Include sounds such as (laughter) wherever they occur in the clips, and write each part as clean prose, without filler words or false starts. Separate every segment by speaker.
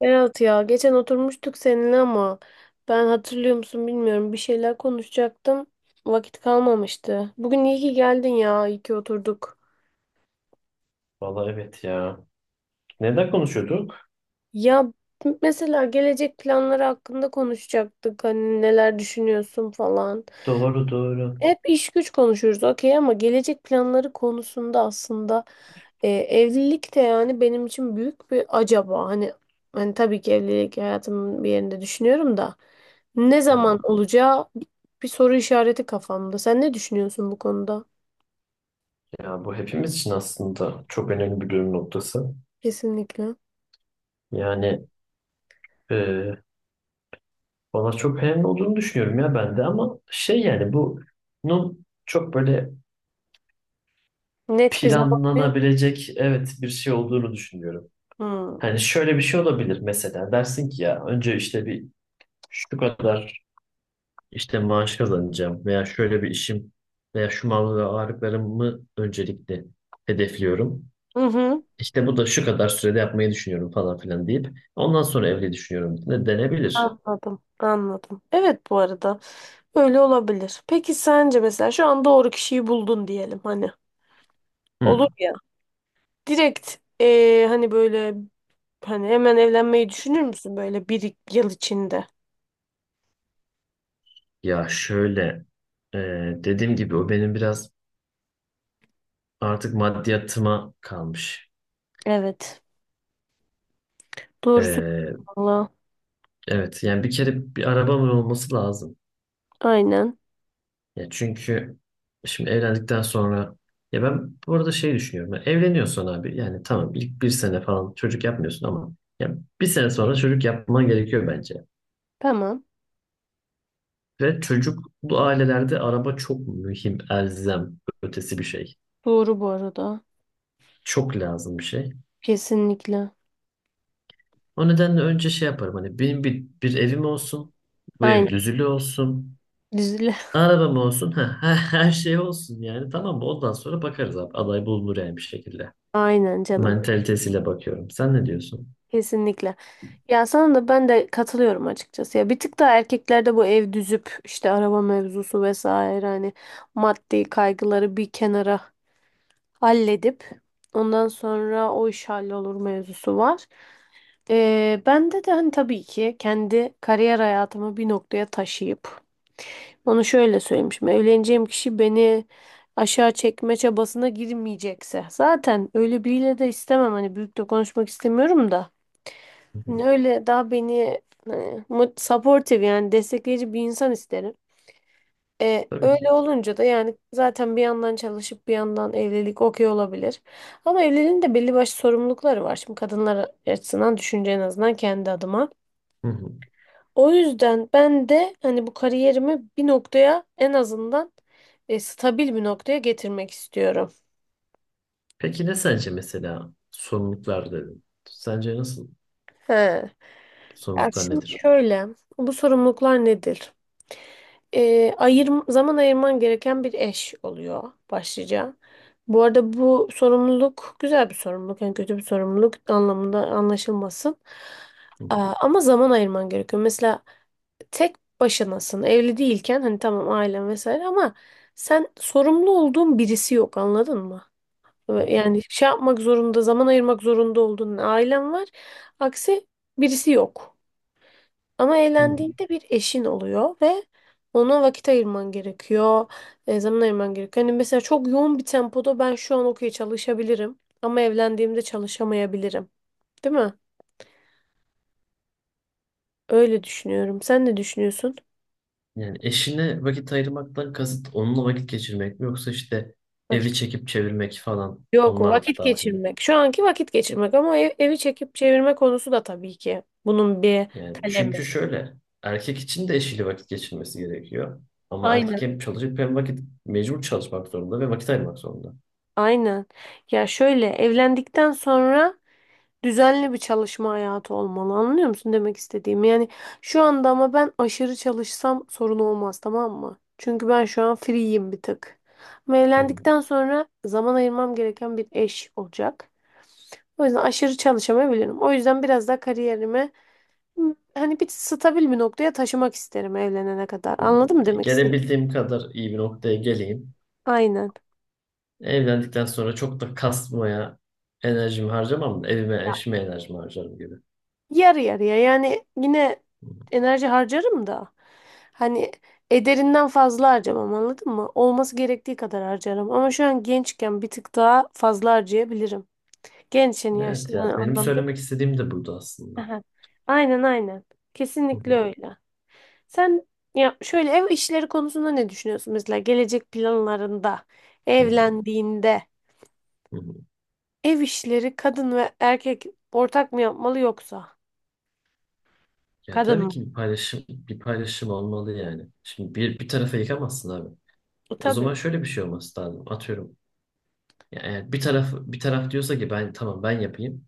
Speaker 1: Berat ya geçen oturmuştuk seninle ama ben hatırlıyor musun bilmiyorum bir şeyler konuşacaktım. Vakit kalmamıştı. Bugün iyi ki geldin ya iyi ki oturduk.
Speaker 2: Valla evet ya. Neden konuşuyorduk?
Speaker 1: Ya mesela gelecek planları hakkında konuşacaktık hani neler düşünüyorsun falan.
Speaker 2: Doğru doğru.
Speaker 1: Hep iş güç konuşuyoruz okey ama gelecek planları konusunda aslında evlilik de yani benim için büyük bir acaba. Hani tabii ki evlilik hayatımın bir yerinde düşünüyorum da ne
Speaker 2: Hı.
Speaker 1: zaman olacağı bir soru işareti kafamda. Sen ne düşünüyorsun bu konuda?
Speaker 2: Ya bu hepimiz için aslında çok önemli bir dönüm noktası.
Speaker 1: Kesinlikle.
Speaker 2: Yani e, bana çok önemli olduğunu düşünüyorum ya ben de ama şey yani bunun çok böyle
Speaker 1: Net bir zaman yok.
Speaker 2: planlanabilecek evet bir şey olduğunu düşünüyorum.
Speaker 1: Hmm.
Speaker 2: Hani şöyle bir şey olabilir mesela dersin ki ya önce işte bir şu kadar işte maaş kazanacağım veya şöyle bir işim veya şu mal ve varlıklarımı öncelikle hedefliyorum.
Speaker 1: Hı hı.
Speaker 2: İşte bu da şu kadar sürede yapmayı düşünüyorum falan filan deyip ondan sonra evli düşünüyorum de denebilir.
Speaker 1: Anladım, anladım. Evet, bu arada öyle olabilir. Peki sence mesela şu an doğru kişiyi buldun diyelim hani.
Speaker 2: Hı.
Speaker 1: Olur. Direkt hani böyle hani hemen evlenmeyi düşünür müsün böyle bir yıl içinde?
Speaker 2: Ya şöyle e, dediğim gibi o benim biraz artık maddiyatıma kalmış.
Speaker 1: Evet. Doğru söylüyorsun
Speaker 2: E,
Speaker 1: valla.
Speaker 2: evet yani bir kere bir arabamın olması lazım.
Speaker 1: Aynen.
Speaker 2: Ya çünkü şimdi evlendikten sonra ya ben bu arada şey düşünüyorum. Ya evleniyorsun abi yani tamam ilk bir sene falan çocuk yapmıyorsun ama ya bir sene sonra çocuk yapman gerekiyor bence.
Speaker 1: Tamam.
Speaker 2: Ve çocuklu ailelerde araba çok mühim, elzem, ötesi bir şey.
Speaker 1: Doğru bu arada.
Speaker 2: Çok lazım bir şey.
Speaker 1: Kesinlikle.
Speaker 2: O nedenle önce şey yaparım hani benim bir evim olsun, bu ev
Speaker 1: Aynen.
Speaker 2: düzülü olsun,
Speaker 1: Düzle.
Speaker 2: arabam olsun, (laughs) ha, her şey olsun yani tamam mı? Ondan sonra bakarız abi aday bulunur yani bir şekilde.
Speaker 1: (laughs) Aynen canım.
Speaker 2: Mentalitesiyle bakıyorum. Sen ne diyorsun?
Speaker 1: Kesinlikle. Ya sana da ben de katılıyorum açıkçası. Ya bir tık daha erkeklerde bu ev düzüp işte araba mevzusu vesaire hani maddi kaygıları bir kenara halledip ondan sonra o iş hallolur mevzusu var. Bende de hani tabii ki kendi kariyer hayatımı bir noktaya taşıyıp onu şöyle söylemişim. Evleneceğim kişi beni aşağı çekme çabasına girmeyecekse. Zaten öyle biriyle de istemem. Hani büyük de konuşmak istemiyorum da.
Speaker 2: Hı
Speaker 1: Hani
Speaker 2: hı.
Speaker 1: öyle daha beni hani, supportive yani destekleyici bir insan isterim.
Speaker 2: Tabii ki.
Speaker 1: Öyle olunca da yani zaten bir yandan çalışıp bir yandan evlilik okey olabilir. Ama evliliğin de belli başlı sorumlulukları var. Şimdi kadınlar açısından düşünce en azından kendi adıma.
Speaker 2: Hı hı.
Speaker 1: O yüzden ben de hani bu kariyerimi bir noktaya en azından stabil bir noktaya getirmek istiyorum.
Speaker 2: Peki ne sence mesela sorumluluklar dedin? Sence nasıl
Speaker 1: He. Ya
Speaker 2: sorumluluklar
Speaker 1: şimdi
Speaker 2: nedir?
Speaker 1: şöyle, bu sorumluluklar nedir? E, Zaman ayırman gereken bir eş oluyor başlıca. Bu arada bu sorumluluk güzel bir sorumluluk, yani kötü bir sorumluluk anlamında anlaşılmasın.
Speaker 2: Hı.
Speaker 1: Ama zaman ayırman gerekiyor. Mesela tek başınasın. Evli değilken hani tamam ailen vesaire ama sen sorumlu olduğun birisi yok anladın mı?
Speaker 2: Hı hı.
Speaker 1: Ve yani şey yapmak zorunda, zaman ayırmak zorunda olduğun ailen var. Aksi birisi yok. Ama
Speaker 2: Hı hı.
Speaker 1: evlendiğinde bir eşin oluyor ve ona vakit ayırman gerekiyor. Zaman ayırman gerekiyor. Hani mesela çok yoğun bir tempoda ben şu an okey çalışabilirim ama evlendiğimde çalışamayabilirim. Değil mi? Öyle düşünüyorum. Sen ne düşünüyorsun?
Speaker 2: Yani eşine vakit ayırmaktan kasıt onunla vakit geçirmek mi yoksa işte evi
Speaker 1: Vakit.
Speaker 2: çekip çevirmek falan
Speaker 1: Yok o
Speaker 2: onlar
Speaker 1: vakit
Speaker 2: dahil.
Speaker 1: geçirmek. Şu anki vakit geçirmek ama evi çekip çevirme konusu da tabii ki bunun bir
Speaker 2: Yani
Speaker 1: kalemi.
Speaker 2: çünkü şöyle erkek için de eşiyle vakit geçirmesi gerekiyor. Ama erkek
Speaker 1: Aynen.
Speaker 2: hem çalışıp hem vakit mecbur çalışmak zorunda ve vakit ayırmak zorunda.
Speaker 1: Aynen. Ya şöyle evlendikten sonra düzenli bir çalışma hayatı olmalı. Anlıyor musun demek istediğimi? Yani şu anda ama ben aşırı çalışsam sorun olmaz tamam mı? Çünkü ben şu an free'yim bir tık. Ama
Speaker 2: Hı hı.
Speaker 1: evlendikten sonra zaman ayırmam gereken bir eş olacak. O yüzden aşırı çalışamayabilirim. O yüzden biraz daha kariyerime Hı. Hani bir stabil bir noktaya taşımak isterim evlenene kadar.
Speaker 2: Hı.
Speaker 1: Anladın mı
Speaker 2: Yani
Speaker 1: demek istedim?
Speaker 2: gelebildiğim kadar iyi bir noktaya geleyim.
Speaker 1: Aynen.
Speaker 2: Evlendikten sonra çok da kasmaya enerjimi harcamam da evime
Speaker 1: Ya,
Speaker 2: eşime enerjimi harcarım gibi.
Speaker 1: yarı yarıya yani yine
Speaker 2: Hı.
Speaker 1: enerji harcarım da hani ederinden fazla harcamam anladın mı? Olması gerektiği kadar harcarım ama şu an gençken bir tık daha fazla harcayabilirim. Gençken
Speaker 2: Evet
Speaker 1: yaşlı
Speaker 2: ya benim
Speaker 1: anlamda.
Speaker 2: söylemek istediğim de buydu aslında.
Speaker 1: Aha. Aynen, aynen.
Speaker 2: Hı
Speaker 1: Kesinlikle
Speaker 2: hı.
Speaker 1: öyle. Sen ya şöyle ev işleri konusunda ne düşünüyorsun mesela gelecek planlarında
Speaker 2: Hı hı.
Speaker 1: evlendiğinde?
Speaker 2: Hı hı.
Speaker 1: Ev işleri kadın ve erkek ortak mı yapmalı yoksa?
Speaker 2: Ya
Speaker 1: Kadın
Speaker 2: tabii
Speaker 1: mı?
Speaker 2: ki bir paylaşım bir paylaşım olmalı yani. Şimdi bir tarafa yıkamazsın abi. O
Speaker 1: Tabii.
Speaker 2: zaman şöyle bir şey olması lazım. Atıyorum. Ya eğer bir taraf bir taraf diyorsa ki ben tamam ben yapayım.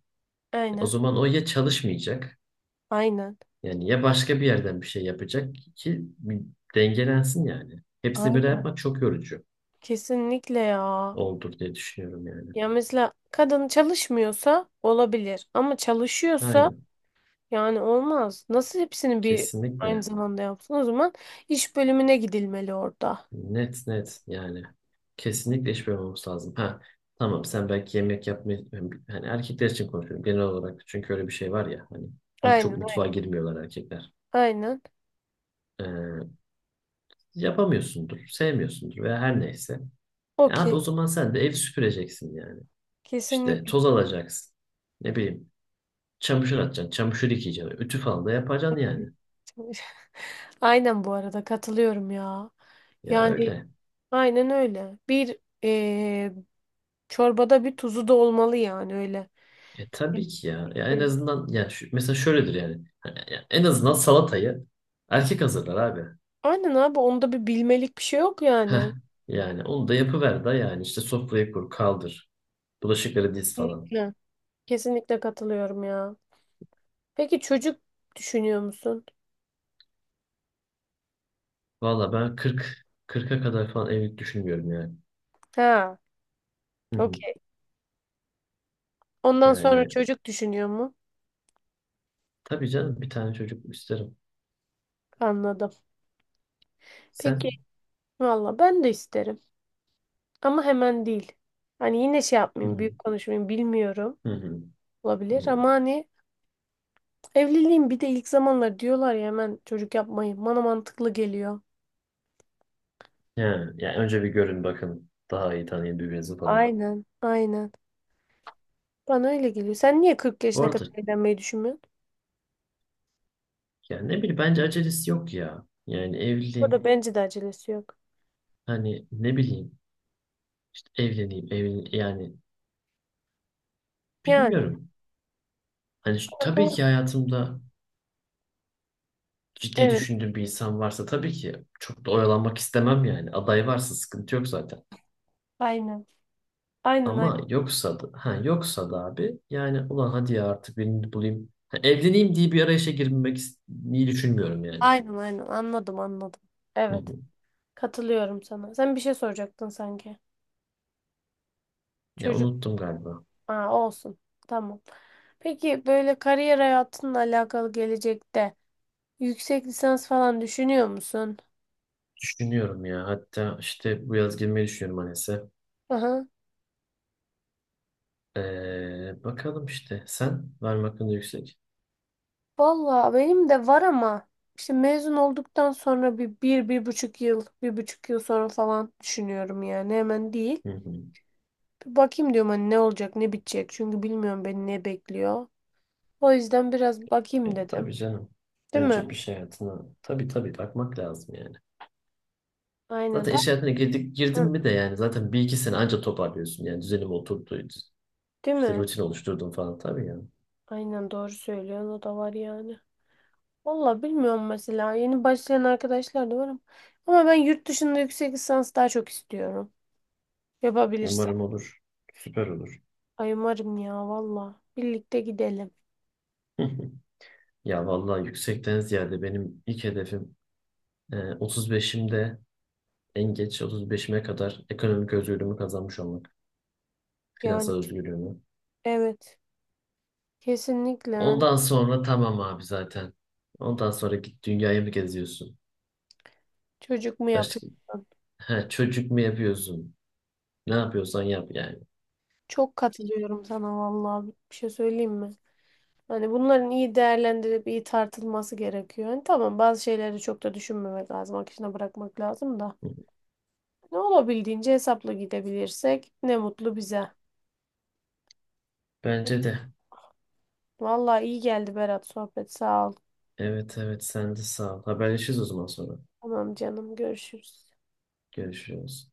Speaker 2: O
Speaker 1: Aynen.
Speaker 2: zaman o ya çalışmayacak
Speaker 1: Aynen.
Speaker 2: yani ya başka bir yerden bir şey yapacak ki bir dengelensin yani. Hepsini böyle
Speaker 1: Aynen.
Speaker 2: yapmak çok yorucu
Speaker 1: Kesinlikle ya.
Speaker 2: olur diye düşünüyorum yani.
Speaker 1: Ya mesela kadın çalışmıyorsa olabilir ama çalışıyorsa
Speaker 2: Aynen.
Speaker 1: yani olmaz. Nasıl hepsini bir aynı
Speaker 2: Kesinlikle.
Speaker 1: zamanda yapsın? O zaman iş bölümüne gidilmeli orada.
Speaker 2: Net net yani. Kesinlikle iş bölümü lazım. Ha tamam sen belki yemek yapmayı hani erkekler için konuşuyorum genel olarak çünkü öyle bir şey var ya hani
Speaker 1: Aynen,
Speaker 2: çok mutfağa
Speaker 1: aynen.
Speaker 2: girmiyorlar erkekler.
Speaker 1: Aynen.
Speaker 2: Ee, yapamıyorsundur, sevmiyorsundur veya her neyse. E abi
Speaker 1: Okey.
Speaker 2: o zaman sen de ev süpüreceksin yani. İşte
Speaker 1: Kesinlikle.
Speaker 2: toz alacaksın. Ne bileyim çamaşır atacaksın, çamaşır yıkayacaksın. Ütü falan da yapacaksın yani.
Speaker 1: çalış- (laughs) Aynen bu arada katılıyorum ya.
Speaker 2: Ya
Speaker 1: Yani
Speaker 2: öyle.
Speaker 1: aynen öyle. Bir çorbada bir tuzu da olmalı yani öyle.
Speaker 2: E tabii ki ya. Ya en
Speaker 1: Evet.
Speaker 2: azından ya şu, mesela şöyledir yani. Hani ya en azından salatayı erkek hazırlar abi.
Speaker 1: Aynen abi onda bir bilmelik bir şey yok
Speaker 2: Heh.
Speaker 1: yani.
Speaker 2: Yani onu da yapıver da yani işte sofrayı kur, kaldır. Bulaşıkları diz falan.
Speaker 1: Kesinlikle. Kesinlikle katılıyorum ya. Peki çocuk düşünüyor musun?
Speaker 2: Valla ben 40'a kadar falan evlilik düşünmüyorum yani.
Speaker 1: Ha,
Speaker 2: Hı hı.
Speaker 1: okey. Ondan sonra
Speaker 2: Yani
Speaker 1: çocuk düşünüyor mu?
Speaker 2: tabii canım bir tane çocuk isterim.
Speaker 1: Anladım. Peki
Speaker 2: Sen?
Speaker 1: valla ben de isterim. Ama hemen değil. Hani yine şey
Speaker 2: Hı
Speaker 1: yapmayayım,
Speaker 2: hı.
Speaker 1: büyük konuşmayayım bilmiyorum.
Speaker 2: Hı hı. Hı.
Speaker 1: Olabilir
Speaker 2: Hı.
Speaker 1: ama hani evliliğin bir de ilk zamanlar diyorlar ya hemen çocuk yapmayın. Bana mantıklı geliyor.
Speaker 2: Ya, yani önce bir görün bakın. Daha iyi tanıyın birbirinizi falan.
Speaker 1: Aynen, aynen. Bana öyle geliyor. Sen niye 40
Speaker 2: Bu
Speaker 1: yaşına
Speaker 2: arada
Speaker 1: kadar evlenmeyi düşünmüyorsun?
Speaker 2: yani ne bileyim bence acelesi yok ya. Yani
Speaker 1: Burada
Speaker 2: evliliğin
Speaker 1: bence de acelesi yok.
Speaker 2: hani ne bileyim evleneyim evlen yani
Speaker 1: Yani.
Speaker 2: bilmiyorum. Hani şu-
Speaker 1: Ha,
Speaker 2: tabii
Speaker 1: doğru.
Speaker 2: ki hayatımda ciddi
Speaker 1: Evet.
Speaker 2: düşündüğüm bir insan varsa tabii ki çok da oyalanmak istemem yani. Aday varsa sıkıntı yok zaten.
Speaker 1: Aynen. Aynen, aynen.
Speaker 2: Ama yoksa da ha yoksa da abi yani ulan hadi ya artık birini bulayım. Ha, evleneyim diye bir arayışa girmek is- iyi düşünmüyorum yani.
Speaker 1: Aynen, aynen. Anladım, anladım.
Speaker 2: Hı
Speaker 1: Evet.
Speaker 2: hı.
Speaker 1: Katılıyorum sana. Sen bir şey soracaktın sanki.
Speaker 2: Ya
Speaker 1: Çocuk.
Speaker 2: unuttum galiba.
Speaker 1: Aa, olsun. Tamam. Peki böyle kariyer hayatınla alakalı gelecekte yüksek lisans falan düşünüyor musun?
Speaker 2: Düşünüyorum ya. Hatta işte bu yaz girmeyi düşünüyorum Anes'e.
Speaker 1: Aha.
Speaker 2: Bakalım işte. Sen var mı hakkında yüksek?
Speaker 1: Valla benim de var ama işte mezun olduktan sonra bir buçuk bir buçuk yıl sonra falan düşünüyorum yani hemen değil.
Speaker 2: Hı hı.
Speaker 1: Bir bakayım diyorum hani ne olacak, ne bitecek çünkü bilmiyorum beni ne bekliyor. O yüzden biraz bakayım dedim.
Speaker 2: Tabii canım.
Speaker 1: Değil mi?
Speaker 2: Önce bir şey hayatına tabii tabii bakmak lazım yani.
Speaker 1: Aynen.
Speaker 2: Zaten iş hayatına girdin
Speaker 1: Hı,
Speaker 2: mi de yani zaten bir iki sene anca toparlıyorsun. Yani düzenim oturdu.
Speaker 1: değil
Speaker 2: İşte
Speaker 1: mi?
Speaker 2: rutin oluşturdum falan tabii yani.
Speaker 1: Aynen, doğru söylüyorsun, o da var yani. Valla bilmiyorum mesela yeni başlayan arkadaşlar da var ama ben yurt dışında yüksek lisans daha çok istiyorum. Yapabilirsem.
Speaker 2: Umarım olur. Süper olur.
Speaker 1: Ay umarım ya valla. Birlikte gidelim.
Speaker 2: (laughs) Ya vallahi yüksekten ziyade benim ilk hedefim 35'imde en geç 35'ime kadar ekonomik özgürlüğümü kazanmış olmak.
Speaker 1: Yani
Speaker 2: Finansal özgürlüğümü.
Speaker 1: evet. Kesinlikle. Yani
Speaker 2: Ondan sonra tamam abi zaten. Ondan sonra git dünyayı mı geziyorsun?
Speaker 1: çocuk mu
Speaker 2: Başka,
Speaker 1: yapıyorsun?
Speaker 2: ha, çocuk mu yapıyorsun? Ne yapıyorsan yap yani.
Speaker 1: Çok katılıyorum sana vallahi bir şey söyleyeyim mi? Hani bunların iyi değerlendirilip iyi tartılması gerekiyor. Hani tamam bazı şeyleri çok da düşünmemek lazım. Akışına bırakmak lazım da. Ne olabildiğince hesapla gidebilirsek ne mutlu bize.
Speaker 2: Bence de.
Speaker 1: Vallahi iyi geldi Berat sohbet. Sağ ol.
Speaker 2: Evet evet sen de sağ ol. Haberleşiriz o zaman sonra.
Speaker 1: Tamam canım, görüşürüz.
Speaker 2: Görüşürüz.